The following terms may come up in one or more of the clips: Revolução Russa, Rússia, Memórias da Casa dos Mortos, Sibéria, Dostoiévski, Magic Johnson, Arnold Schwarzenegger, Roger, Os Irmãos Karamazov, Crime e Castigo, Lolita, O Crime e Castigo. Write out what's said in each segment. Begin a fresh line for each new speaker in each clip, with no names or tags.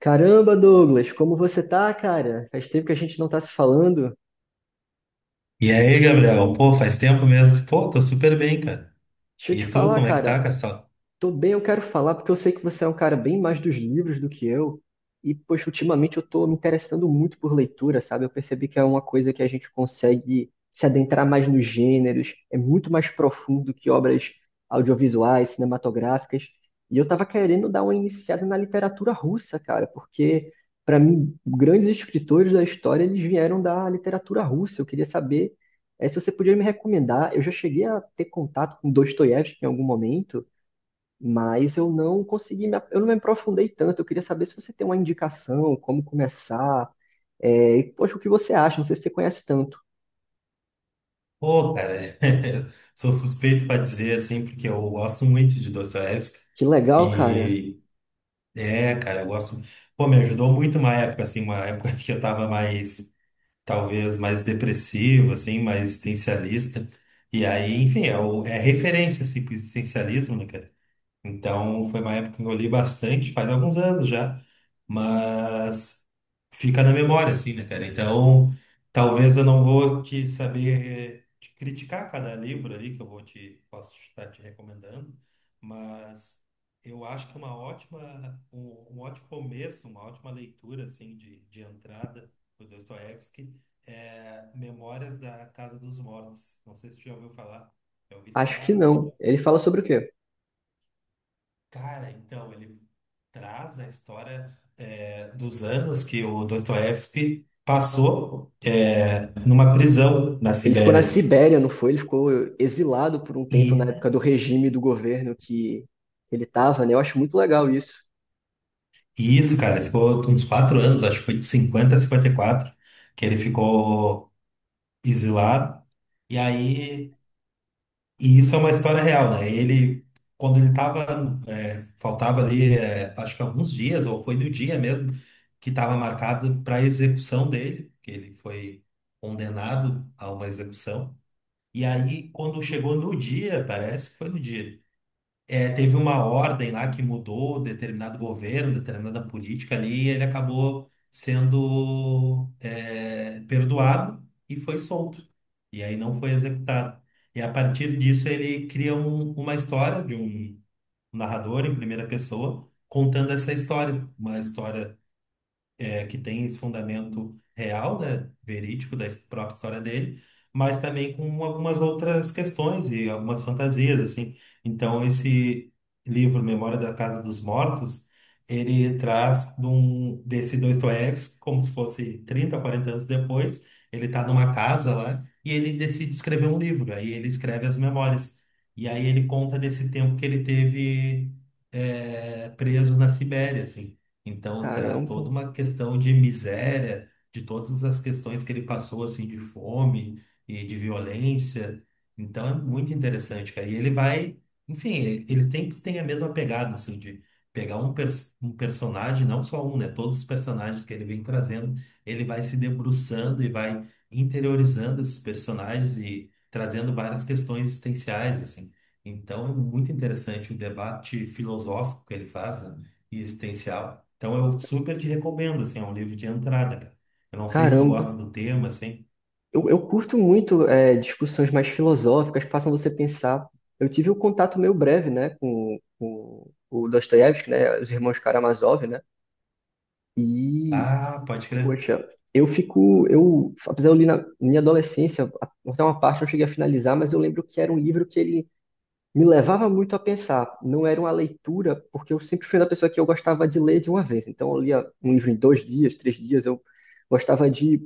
Caramba, Douglas, como você tá, cara? Faz tempo que a gente não tá se falando.
E aí, Gabriel? Pô, faz tempo mesmo. Pô, tô super bem, cara.
Deixa eu
E
te
tu,
falar,
como é que tá,
cara.
Castelo?
Tô bem, eu quero falar porque eu sei que você é um cara bem mais dos livros do que eu. E, poxa, ultimamente eu tô me interessando muito por leitura, sabe? Eu percebi que é uma coisa que a gente consegue se adentrar mais nos gêneros, é muito mais profundo que obras audiovisuais, cinematográficas. E eu tava querendo dar uma iniciada na literatura russa, cara, porque, para mim, grandes escritores da história, eles vieram da literatura russa. Eu queria saber, se você podia me recomendar. Eu já cheguei a ter contato com Dostoiévski em algum momento, mas eu não consegui, eu não me aprofundei tanto. Eu queria saber se você tem uma indicação, como começar, poxa, o que você acha? Não sei se você conhece tanto.
Pô, cara, sou suspeito pra dizer, assim, porque eu gosto muito de Dostoiévski.
Que legal, cara.
E, cara, eu gosto... Pô, me ajudou muito uma época, assim, uma época que eu tava mais, talvez, mais depressivo, assim, mais existencialista. E aí, enfim, é referência, assim, pro existencialismo, né, cara? Então, foi uma época que eu li bastante, faz alguns anos já, mas fica na memória, assim, né, cara? Então, talvez eu não vou te saber te criticar cada livro ali que eu vou te posso estar te recomendando, mas eu acho que é um ótimo começo, uma ótima leitura, assim, de entrada do Dostoiévski é Memórias da Casa dos Mortos. Não sei se você já ouviu falar. Já ouviu isso
Acho que
falar?
não. Ele fala sobre o quê?
Cara, então, ele traz a história dos anos que o Dostoiévski passou, numa prisão na
Ele ficou na
Sibéria.
Sibéria, não foi? Ele ficou exilado por um tempo na
E,
época do regime do governo que ele estava, né? Eu acho muito legal isso.
e isso, cara, ficou uns 4 anos, acho que foi de 50 a 54 que ele ficou exilado. E aí E isso é uma história real, né? Ele, quando ele tava, faltava ali, acho que alguns dias, ou foi no dia mesmo, que estava marcado para a execução dele, que ele foi condenado a uma execução. E aí, quando chegou no dia, parece que foi no dia, teve uma ordem lá que mudou determinado governo, determinada política ali, e ele acabou sendo, perdoado e foi solto. E aí não foi executado. E a partir disso ele cria uma história de um narrador em primeira pessoa contando essa história, uma história, que tem esse fundamento real, né, verídico da própria história dele, mas também com algumas outras questões e algumas fantasias, assim. Então, esse livro, Memória da Casa dos Mortos, ele traz desse Dostoiévski, como se fosse 30, 40 anos depois, ele está numa casa lá e ele decide escrever um livro, aí ele escreve as memórias. E aí ele conta desse tempo que ele teve, preso na Sibéria, assim. Então traz
Caramba,
toda uma questão de miséria, de todas as questões que ele passou assim de fome e de violência. Então é muito interessante, cara. E ele vai, enfim, ele sempre tem a mesma pegada assim de pegar um, pers um personagem, não só um, né? Todos os personagens que ele vem trazendo, ele vai se debruçando e vai interiorizando esses personagens e trazendo várias questões existenciais assim. Então é muito interessante o debate filosófico que ele faz, né, e existencial. Então eu super te recomendo, assim, é um livro de entrada, cara. Eu não sei se tu gosta
caramba.
do tema, assim.
Eu curto muito discussões mais filosóficas, que façam você pensar. Eu tive um contato meio breve, né, com o Dostoiévski, né, os irmãos Karamazov, né, e,
Ah, pode crer.
poxa, apesar de eu li na minha adolescência, até uma parte eu cheguei a finalizar, mas eu lembro que era um livro que ele me levava muito a pensar. Não era uma leitura, porque eu sempre fui uma pessoa que eu gostava de ler de uma vez. Então eu lia um livro em 2 dias, 3 dias, eu gostava de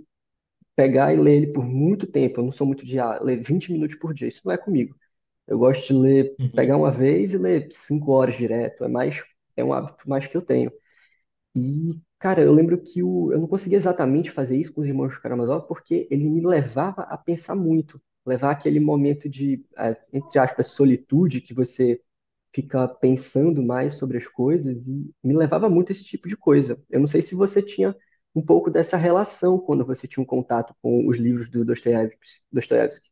pegar e ler ele por muito tempo. Eu não sou muito de ah, ler 20 minutos por dia, isso não é comigo. Eu gosto de ler, pegar uma vez e ler 5 horas direto. É um hábito mais que eu tenho. E, cara, eu lembro que o, eu não conseguia exatamente fazer isso com os irmãos Karamazov porque ele me levava a pensar muito. Levar aquele momento de, ah, entre aspas, solitude que você ficar pensando mais sobre as coisas e me levava muito a esse tipo de coisa. Eu não sei se você tinha um pouco dessa relação quando você tinha um contato com os livros do Dostoiévski. Dostoiévski.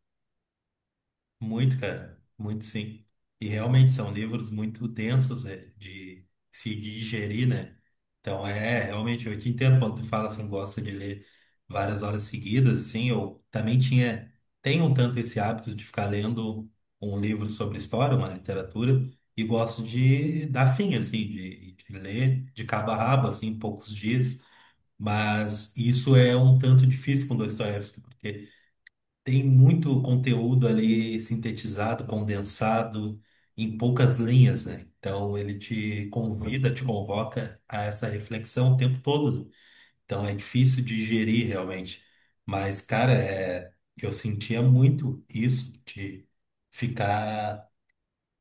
Muito, cara, muito sim. E realmente são livros muito densos, de se digerir, né? Então, realmente, eu te entendo quando tu fala assim, gosta de ler várias horas seguidas, assim, eu também tenho um tanto esse hábito de ficar lendo um livro sobre história, uma literatura, e gosto de dar fim, assim, de ler de cabo a rabo, assim, em poucos dias. Mas isso é um tanto difícil com Dostoiévski, porque tem muito conteúdo ali sintetizado, condensado em poucas linhas, né? Então ele te convida, te convoca a essa reflexão o tempo todo. Então é difícil digerir realmente. Mas, cara, eu sentia muito isso de ficar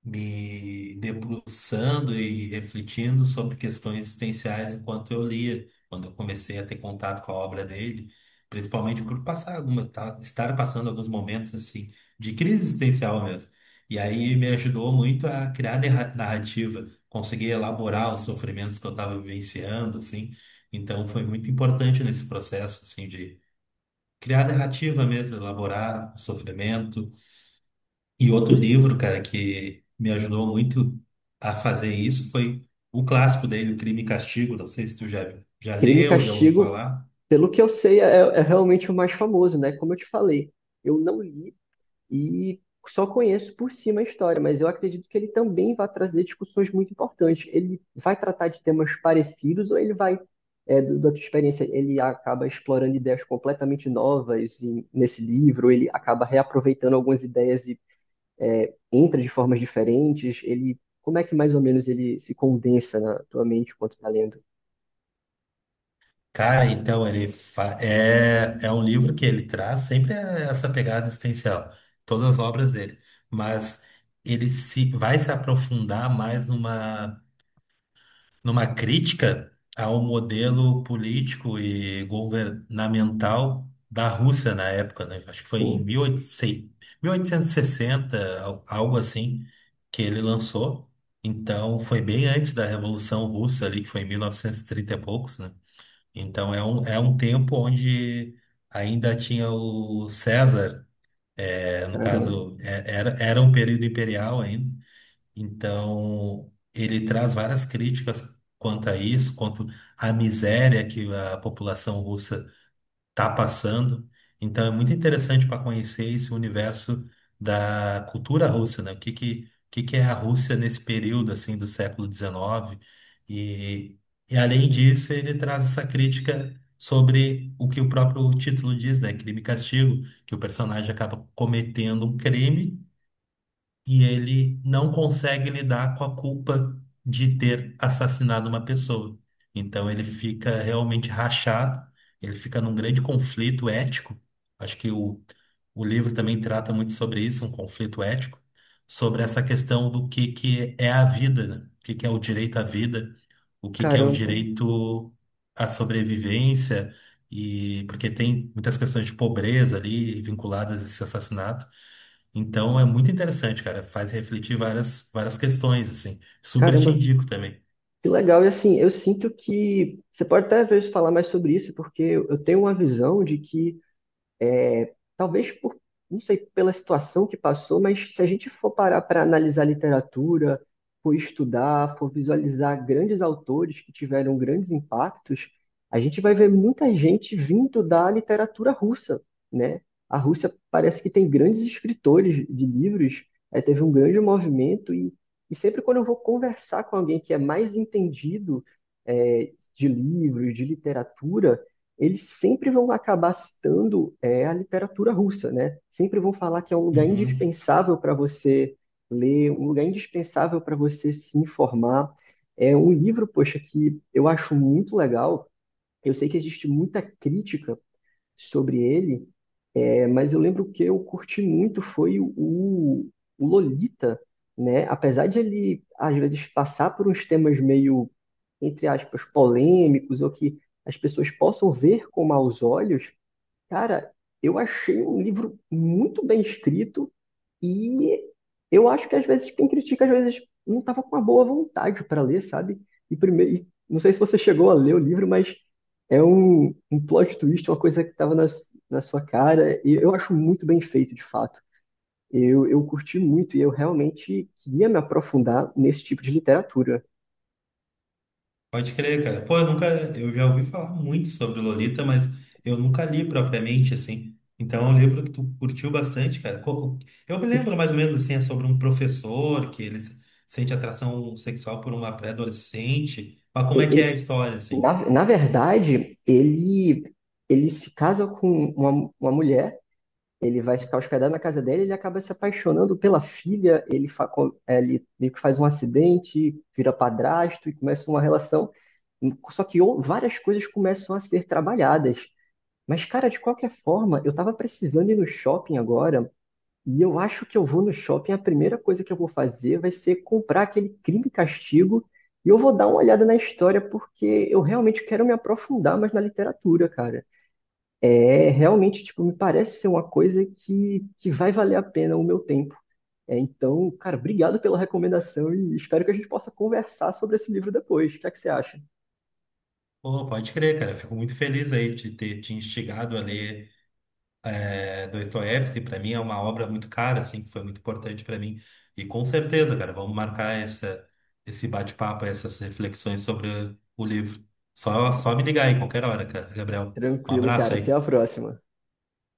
me debruçando e refletindo sobre questões existenciais enquanto eu lia, quando eu comecei a ter contato com a obra dele, principalmente por passar estar passando alguns momentos assim de crise existencial mesmo. E aí me ajudou muito a criar narrativa, conseguir elaborar os sofrimentos que eu estava vivenciando, assim. Então foi muito importante nesse processo assim de criar narrativa mesmo, elaborar o sofrimento e outro livro, cara, que me ajudou muito a fazer isso foi o clássico dele, O Crime e Castigo. Não sei se tu já
Crime e
leu, já ouviu
Castigo,
falar.
pelo que eu sei, é realmente o mais famoso, né? Como eu te falei, eu não li e só conheço por cima a história, mas eu acredito que ele também vai trazer discussões muito importantes. Ele vai tratar de temas parecidos ou ele vai, é, do- da tua experiência, ele acaba explorando ideias completamente novas nesse livro, ele acaba reaproveitando algumas ideias e entra de formas diferentes, ele, como é que mais ou menos ele se condensa na tua mente enquanto tá lendo?
Cara, então ele é um livro que ele traz sempre, essa pegada existencial, todas as obras dele, mas ele se vai se aprofundar mais numa crítica ao modelo político e governamental da Rússia na época, né? Acho que foi em
Hum,
1800, 1860, algo assim, que ele lançou. Então, foi bem antes da Revolução Russa ali, que foi em 1930 e trinta e poucos, né? Então, é um tempo onde ainda tinha o César, no
Caramba,
caso, era um período imperial ainda, então, ele traz várias críticas quanto a isso, quanto à miséria que a população russa está passando. Então, é muito interessante para conhecer esse universo da cultura russa, né? O que que é a Rússia nesse período, assim, do século XIX. E, e, além disso, ele traz essa crítica sobre o que o próprio título diz, né? Crime e castigo, que o personagem acaba cometendo um crime e ele não consegue lidar com a culpa de ter assassinado uma pessoa. Então ele fica realmente rachado, ele fica num grande conflito ético. Acho que o livro também trata muito sobre isso, um conflito ético, sobre essa questão do que é a vida, né? O que, que é o direito à vida, o que que é o
caramba,
direito à sobrevivência e porque tem muitas questões de pobreza ali vinculadas a esse assassinato. Então é muito interessante, cara, faz refletir várias várias questões assim. Super te
caramba.
indico também.
Que legal, e assim, eu sinto que você pode até às vezes falar mais sobre isso, porque eu tenho uma visão de que talvez por, não sei, pela situação que passou, mas se a gente for parar para analisar literatura, for estudar, for visualizar grandes autores que tiveram grandes impactos, a gente vai ver muita gente vindo da literatura russa, né? A Rússia parece que tem grandes escritores de livros, teve um grande movimento e sempre quando eu vou conversar com alguém que é mais entendido, de livros, de literatura, eles sempre vão acabar citando a literatura russa, né? Sempre vão falar que é um lugar
Uhum.
indispensável para você ler, um lugar indispensável para você se informar. É um livro, poxa, que eu acho muito legal. Eu sei que existe muita crítica sobre ele, mas eu lembro que eu curti muito foi o Lolita, né? Apesar de ele, às vezes, passar por uns temas meio, entre aspas, polêmicos, ou que as pessoas possam ver com maus olhos, cara, eu achei um livro muito bem escrito e eu acho que às vezes quem critica, às vezes não estava com uma boa vontade para ler, sabe? E primeiro, e não sei se você chegou a ler o livro, mas é um plot twist, uma coisa que estava na sua cara, e eu acho muito bem feito, de fato. Eu curti muito e eu realmente queria me aprofundar nesse tipo de literatura.
Pode crer, cara. Pô, eu nunca, eu já ouvi falar muito sobre Lolita, mas eu nunca li propriamente, assim. Então, é um livro que tu curtiu bastante, cara. Eu me lembro
Curti.
mais ou menos, assim, é sobre um professor que ele sente atração sexual por uma pré-adolescente. Mas como é que é a
Ele,
história, assim?
na verdade, ele se casa com uma mulher, ele vai ficar hospedado na casa dela, ele acaba se apaixonando pela filha, ele, fa com- é, ele meio que faz um acidente, vira padrasto e começa uma relação. Várias coisas começam a ser trabalhadas. Mas, cara, de qualquer forma, eu tava precisando ir no shopping agora, e eu acho que eu vou no shopping, a primeira coisa que eu vou fazer vai ser comprar aquele Crime e Castigo, e eu vou dar uma olhada na história, porque eu realmente quero me aprofundar mais na literatura, cara. É, realmente, tipo, me parece ser uma coisa que vai valer a pena o meu tempo. É, então, cara, obrigado pela recomendação e espero que a gente possa conversar sobre esse livro depois. O que é que você acha?
Pô, pode crer, cara. Fico muito feliz aí de ter te instigado a ler, Dostoiévski, para mim, é uma obra muito cara, assim, que foi muito importante para mim. E com certeza, cara, vamos marcar esse bate-papo, essas reflexões sobre o livro. Só me ligar aí, qualquer hora, cara, Gabriel. Um
Tranquilo,
abraço
cara. Até a
aí.
próxima.